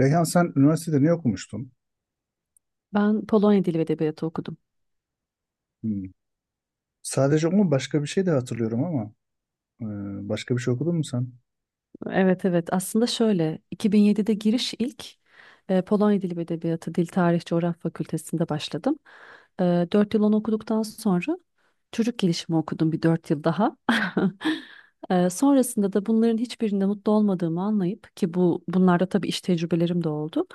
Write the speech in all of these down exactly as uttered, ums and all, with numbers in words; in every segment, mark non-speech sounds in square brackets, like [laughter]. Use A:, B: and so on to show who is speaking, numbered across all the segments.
A: Reyhan, sen üniversitede ne okumuştun?
B: Ben Polonya Dili ve Edebiyatı okudum.
A: Hmm. Sadece o mu, başka bir şey de hatırlıyorum ama e, başka bir şey okudun mu sen?
B: Evet evet aslında şöyle iki bin yedide giriş ilk e, Polonya Dili ve Edebiyatı Dil Tarih Coğrafya Fakültesinde başladım. E, dört yıl onu okuduktan sonra çocuk gelişimi okudum bir dört yıl daha. [laughs] E, sonrasında da bunların hiçbirinde mutlu olmadığımı anlayıp ki bu bunlarda tabii iş tecrübelerim de oldu.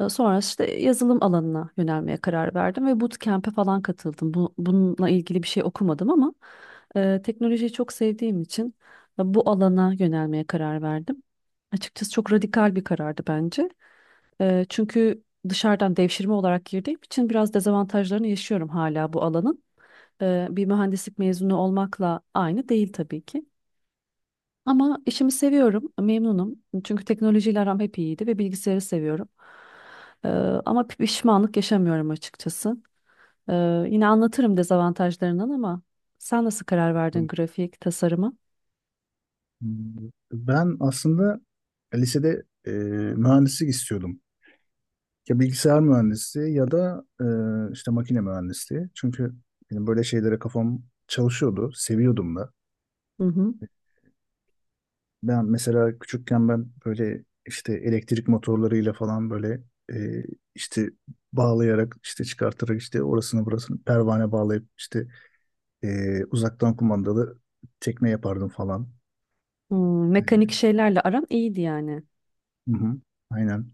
B: E, sonra işte yazılım alanına yönelmeye karar verdim ve bootcamp'e falan katıldım. Bu, bununla ilgili bir şey okumadım ama e, teknolojiyi çok sevdiğim için bu alana yönelmeye karar verdim. Açıkçası çok radikal bir karardı bence. Eee, çünkü dışarıdan devşirme olarak girdiğim için biraz dezavantajlarını yaşıyorum hala bu alanın. Eee, bir mühendislik mezunu olmakla aynı değil tabii ki. Ama işimi seviyorum, memnunum. Çünkü teknolojiyle aram hep iyiydi ve bilgisayarı seviyorum. Eee, Ama pişmanlık yaşamıyorum açıkçası. Ee, yine anlatırım dezavantajlarından ama sen nasıl karar
A: Hmm.
B: verdin grafik tasarıma?
A: Ben aslında lisede e, mühendislik istiyordum. Ya bilgisayar mühendisliği ya da e, işte makine mühendisliği. Çünkü benim böyle şeylere kafam çalışıyordu, seviyordum da.
B: Hı hı.
A: Ben mesela küçükken ben böyle işte elektrik motorlarıyla falan böyle, e, işte bağlayarak işte çıkartarak işte orasını burasını pervane bağlayıp işte, Ee, uzaktan kumandalı tekne yapardım falan.
B: Hmm,
A: Ee,
B: mekanik şeylerle aran iyiydi yani.
A: hı hı, aynen.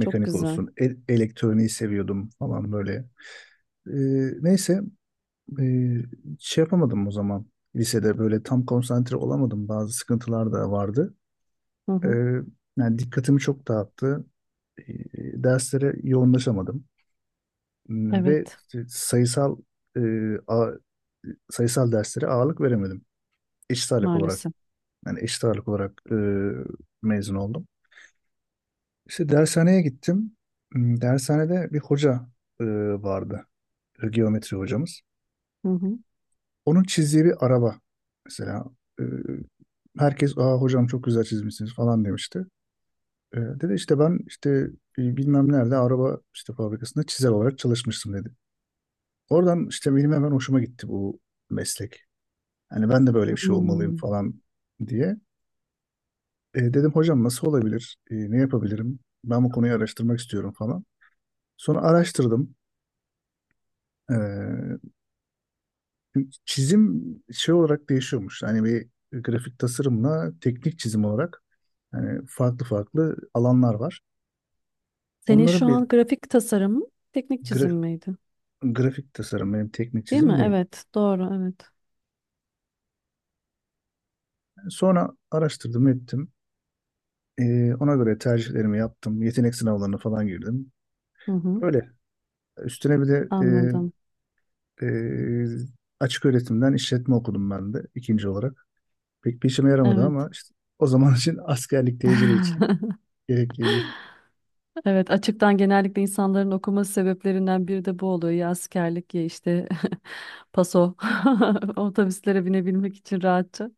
B: Çok güzel.
A: olsun. E- elektroniği seviyordum falan böyle. Ee, neyse. ee, Şey yapamadım o zaman. Lisede böyle tam konsantre olamadım. Bazı sıkıntılar da vardı.
B: Hı
A: Ee,
B: hı.
A: Yani dikkatimi çok dağıttı. Ee, Derslere yoğunlaşamadım. Hmm, Ve
B: Evet,
A: işte sayısal ee, a- sayısal derslere ağırlık veremedim. Eşit ağırlık olarak.
B: maalesef.
A: Yani eşit ağırlık olarak e, mezun oldum. İşte dershaneye gittim. Hmm, Dershanede bir hoca e, vardı. E, Geometri hocamız.
B: Hı hı.
A: Onun çizdiği bir araba. Mesela e, herkes, Aa, hocam çok güzel çizmişsiniz, falan demişti. E, dedi işte, ben işte e, bilmem nerede araba işte fabrikasında çizer olarak çalışmıştım, dedi. Oradan işte benim hemen hoşuma gitti bu meslek. Hani ben de böyle bir şey olmalıyım
B: Hmm.
A: falan diye. E, dedim, hocam nasıl olabilir? E, ne yapabilirim? Ben bu konuyu araştırmak istiyorum falan. Sonra araştırdım. E, Çizim şey olarak değişiyormuş. Hani bir grafik tasarımla teknik çizim olarak hani farklı farklı alanlar var.
B: Senin
A: Onları
B: şu
A: bir
B: an grafik tasarım mı, teknik çizim
A: gra-
B: miydi?
A: grafik tasarım benim, teknik
B: Değil mi?
A: çizim değil.
B: Evet, doğru, evet.
A: Sonra araştırdım ettim. E, ona göre tercihlerimi yaptım. Yetenek sınavlarına falan girdim.
B: Hı hı.
A: Öyle. Üstüne bir de
B: Anladım.
A: e, e, açık öğretimden işletme okudum ben de ikinci olarak. Pek bir işime yaramadı
B: Evet.
A: ama işte o zaman [laughs] için, askerlik tecili için
B: [laughs]
A: gerekliydi.
B: Evet, açıktan genellikle insanların okuması sebeplerinden biri de bu oluyor. Ya askerlik ya işte [laughs] paso [laughs] otobüslere binebilmek için rahatça.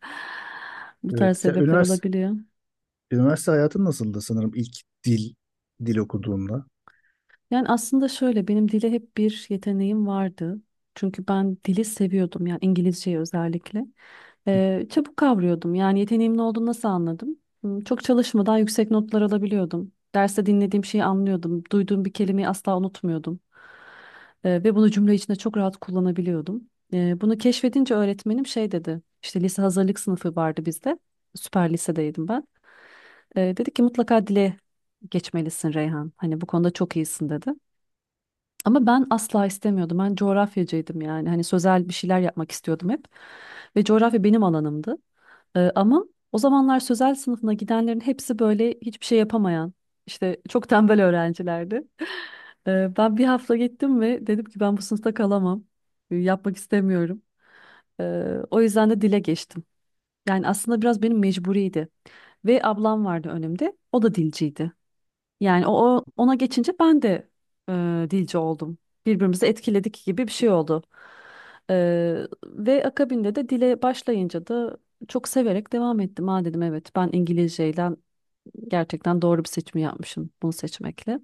B: Bu tarz
A: Evet. Ya
B: sebepler
A: üniversite,
B: olabiliyor.
A: üniversite hayatın nasıldı sanırım ilk dil dil okuduğunda?
B: Yani aslında şöyle benim dile hep bir yeteneğim vardı. Çünkü ben dili seviyordum yani İngilizceyi özellikle. Ee, çabuk kavrıyordum. Yani yeteneğimin olduğunu nasıl anladım? Hmm, çok çalışmadan yüksek notlar alabiliyordum. Derste dinlediğim şeyi anlıyordum. Duyduğum bir kelimeyi asla unutmuyordum. Ee, ve bunu cümle içinde çok rahat kullanabiliyordum. Ee, bunu keşfedince öğretmenim şey dedi. İşte lise hazırlık sınıfı vardı bizde. Süper lisedeydim ben. Ee, dedi ki mutlaka dile geçmelisin Reyhan. Hani bu konuda çok iyisin dedi. Ama ben asla istemiyordum. Ben coğrafyacıydım yani. Hani sözel bir şeyler yapmak istiyordum hep. Ve coğrafya benim alanımdı. Ee, ama o zamanlar sözel sınıfına gidenlerin hepsi böyle hiçbir şey yapamayan, işte çok tembel öğrencilerdi. [laughs] Ee, ben bir hafta gittim ve dedim ki ben bu sınıfta kalamam. Ee, Yapmak istemiyorum. Ee, O yüzden de dile geçtim. Yani aslında biraz benim mecburiydi. Ve ablam vardı önümde. O da dilciydi. Yani o o- ona geçince ben de e, dilci oldum. Birbirimizi etkiledik gibi bir şey oldu. E, Ve akabinde de dile başlayınca da çok severek devam ettim. Ha dedim evet ben İngilizceyle gerçekten doğru bir seçimi yapmışım bunu seçmekle.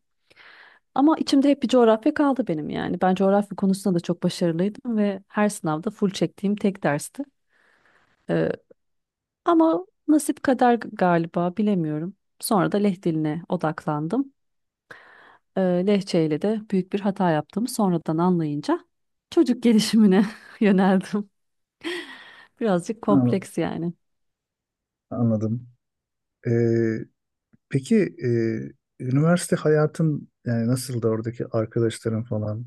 B: Ama içimde hep bir coğrafya kaldı benim yani. Ben coğrafya konusunda da çok başarılıydım ve her sınavda full çektiğim tek dersti. E, Ama nasip kader galiba bilemiyorum. Sonra da Leh diline odaklandım. e, Lehçeyle de büyük bir hata yaptığımı sonradan anlayınca çocuk gelişimine [laughs] yöneldim. Birazcık
A: Ha,
B: kompleks yani.
A: anladım. Ee, peki e, üniversite hayatın yani nasıldı, oradaki arkadaşların falan?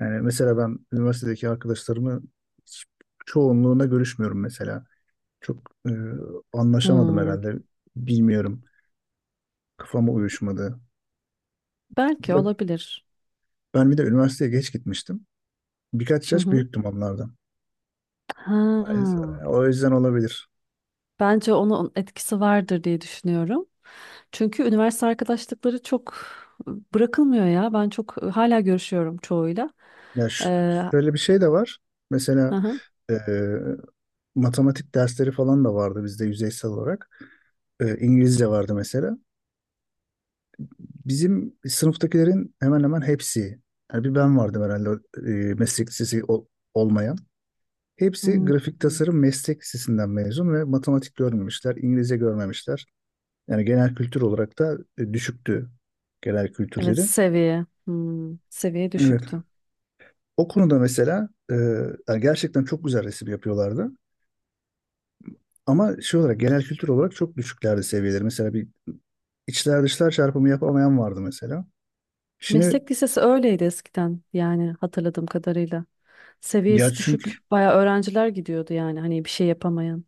A: Yani mesela ben üniversitedeki arkadaşlarımı hiç- çoğunluğuna görüşmüyorum mesela. Çok e, anlaşamadım
B: Hmm,
A: herhalde. Bilmiyorum. Kafama uyuşmadı. Bir
B: belki
A: de
B: olabilir.
A: ben, bir de üniversiteye geç gitmiştim. Birkaç
B: Hı
A: yaş
B: hı.
A: büyüktüm onlardan.
B: Ha,
A: O yüzden olabilir.
B: bence onun etkisi vardır diye düşünüyorum. Çünkü üniversite arkadaşlıkları çok bırakılmıyor ya. Ben çok hala görüşüyorum çoğuyla.
A: Ya şu-
B: Ee,
A: şöyle bir şey de var.
B: hı
A: Mesela
B: hı.
A: e, matematik dersleri falan da vardı bizde yüzeysel olarak. E, İngilizce vardı mesela. Bizim sınıftakilerin hemen hemen hepsi, yani bir ben vardım herhalde e, meslek lisesi ol- olmayan. Hepsi
B: Hmm.
A: grafik tasarım meslek lisesinden mezun ve matematik görmemişler, İngilizce görmemişler. Yani genel kültür olarak da e, düşüktü genel
B: Evet,
A: kültürleri.
B: seviye. Hmm, seviye
A: Evet.
B: düşüktü.
A: O konuda mesela e, yani gerçekten çok güzel resim yapıyorlardı. Ama şey olarak genel kültür olarak çok düşüklerdi seviyeleri. Mesela bir içler dışlar çarpımı yapamayan vardı mesela. Şimdi
B: Meslek lisesi öyleydi eskiden yani hatırladığım kadarıyla.
A: ya
B: Seviyesi
A: çünkü
B: düşük bayağı öğrenciler gidiyordu yani hani bir şey yapamayan.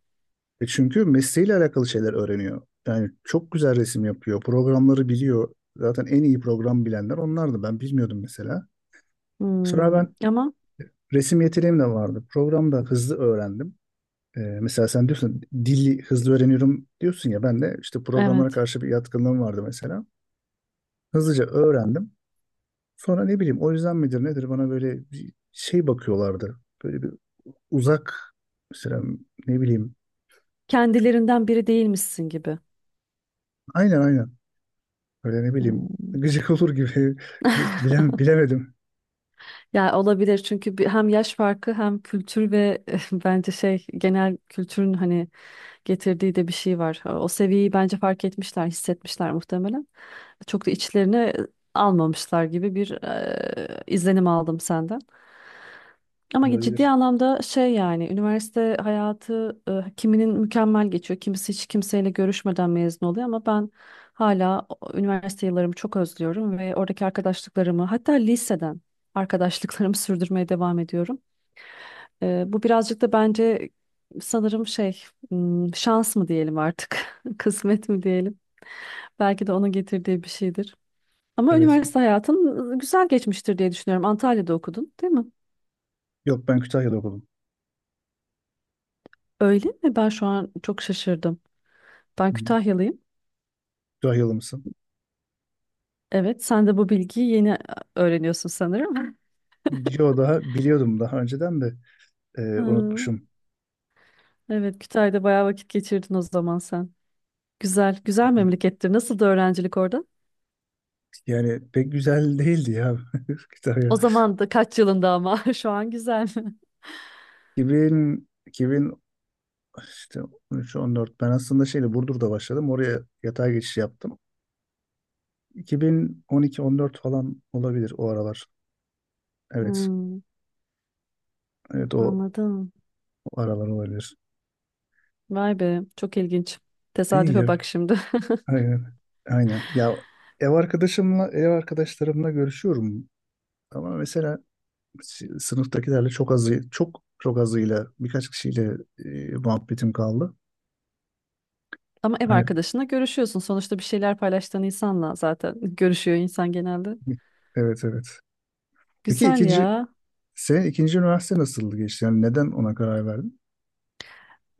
A: e çünkü mesleğiyle alakalı şeyler öğreniyor. Yani çok güzel resim yapıyor. Programları biliyor. Zaten en iyi program bilenler onlardı. Ben bilmiyordum mesela. Sonra
B: Hmm,
A: ben,
B: ama
A: resim yeteneğim de vardı. Programda hızlı öğrendim. E, mesela sen diyorsun dili hızlı öğreniyorum diyorsun ya, ben de işte programlara
B: evet
A: karşı bir yatkınlığım vardı mesela. Hızlıca öğrendim. Sonra ne bileyim, o yüzden midir nedir bana böyle bir şey bakıyorlardı. Böyle bir uzak mesela, ne bileyim. Çok-
B: kendilerinden biri değilmişsin gibi.
A: Aynen, aynen. Böyle ne bileyim [laughs]
B: Hmm.
A: gıcık olur gibi [laughs] Bil-
B: [laughs]
A: bilem, bilemedim.
B: Ya olabilir çünkü bir- hem yaş farkı hem kültür ve [laughs] bence şey genel kültürün hani getirdiği de bir şey var. Ee, O seviyeyi bence fark etmişler, hissetmişler muhtemelen. Çok da içlerine almamışlar gibi bir eee, izlenim aldım senden. Ama ciddi
A: Olabilir.
B: anlamda şey yani üniversite hayatı e, kiminin mükemmel geçiyor. Kimisi hiç kimseyle görüşmeden mezun oluyor ama ben hala o- üniversite yıllarımı çok özlüyorum ve oradaki arkadaşlıklarımı hatta liseden arkadaşlıklarımı [laughs] sürdürmeye devam ediyorum. Ee, bu birazcık da bence sanırım şey hmm, şans mı diyelim artık [laughs] kısmet mi diyelim belki de onun getirdiği bir şeydir. Ama
A: Evet.
B: üniversite hayatın güzel geçmiştir diye düşünüyorum. Antalya'da okudun, değil mi?
A: Yok, ben Kütahya'da okudum.
B: Öyle mi? Ben şu an çok şaşırdım. Ben
A: Hı.
B: Kütahyalıyım.
A: Kütahyalı mısın?
B: Evet, sen de bu bilgiyi yeni öğreniyorsun sanırım.
A: Yo, daha biliyordum daha önceden de, e,
B: [laughs] Hı,
A: unutmuşum.
B: evet, Kütahya'da bayağı vakit geçirdin o zaman sen. Güzel, güzel memlekettir. Nasıl da öğrencilik orada?
A: Yani pek güzel değildi ya [laughs] Kütahya.
B: O zaman da kaç yılında ama [laughs] şu an güzel. [laughs]
A: iki bin, iki bin işte on üç on dört, ben aslında şeyle Burdur'da başladım. Oraya yatay geçiş yaptım. iki bin on iki-on dört falan olabilir o aralar. Evet.
B: Hmm,
A: Evet, o,
B: anladım.
A: o aralar olabilir.
B: Vay be, çok ilginç.
A: İyi
B: Tesadüfe
A: ya.
B: bak şimdi. [laughs]
A: Aynen. Aynen. Ya ev arkadaşımla ev arkadaşlarımla görüşüyorum ama mesela s- sınıftakilerle çok azı çok çok azıyla, birkaç kişiyle e, muhabbetim kaldı.
B: Ama ev
A: Hani,
B: arkadaşına görüşüyorsun. Sonuçta bir şeyler paylaştığın insanla zaten [laughs] görüşüyor insan genelde.
A: evet, evet. Peki
B: Güzel
A: ikinci
B: ya.
A: senin ikinci üniversite nasıl geçti? Yani neden ona karar verdin?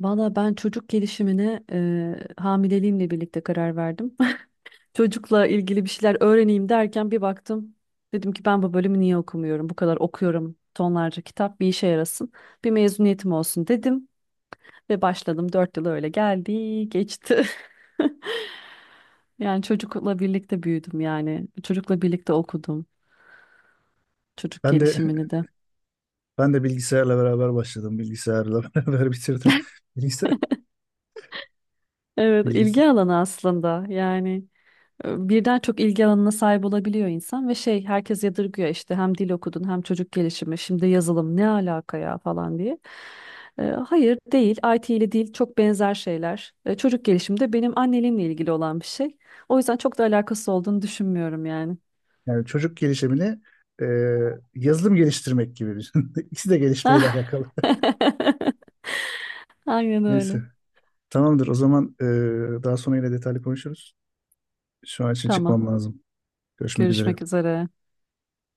B: Valla ben çocuk gelişimine e, hamileliğimle birlikte karar verdim. Çocukla ilgili bir şeyler öğreneyim derken bir baktım. Dedim ki ben bu bölümü niye okumuyorum? Bu kadar okuyorum tonlarca kitap bir işe yarasın. Bir mezuniyetim olsun dedim ve başladım. Dört yıl öyle geldi geçti. [laughs] Yani çocukla birlikte büyüdüm yani. Çocukla birlikte okudum çocuk
A: Ben de
B: gelişimini de.
A: [laughs] ben de bilgisayarla beraber başladım. Bilgisayarla [laughs] beraber bitirdim. Bilgisayar,
B: Evet,
A: bilgis
B: ilgi alanı aslında yani. E, birden çok ilgi alanına sahip olabiliyor insan ve şey herkes yadırgıyor işte hem dil okudun hem çocuk gelişimi şimdi yazılım ne alaka ya falan diye. E, hayır değil, I T ile dil çok benzer şeyler. E, çocuk gelişimi de benim anneliğimle ilgili olan bir şey. O yüzden çok da alakası olduğunu düşünmüyorum yani.
A: Yani çocuk gelişimini, e, yazılım geliştirmek gibi düşün. [laughs] İkisi de gelişmeyle alakalı.
B: [laughs]
A: [laughs]
B: Aynen öyle.
A: Neyse. Tamamdır. O zaman e, daha sonra yine detaylı konuşuruz. Şu an için
B: Tamam.
A: çıkmam lazım. Görüşmek üzere.
B: Görüşmek üzere.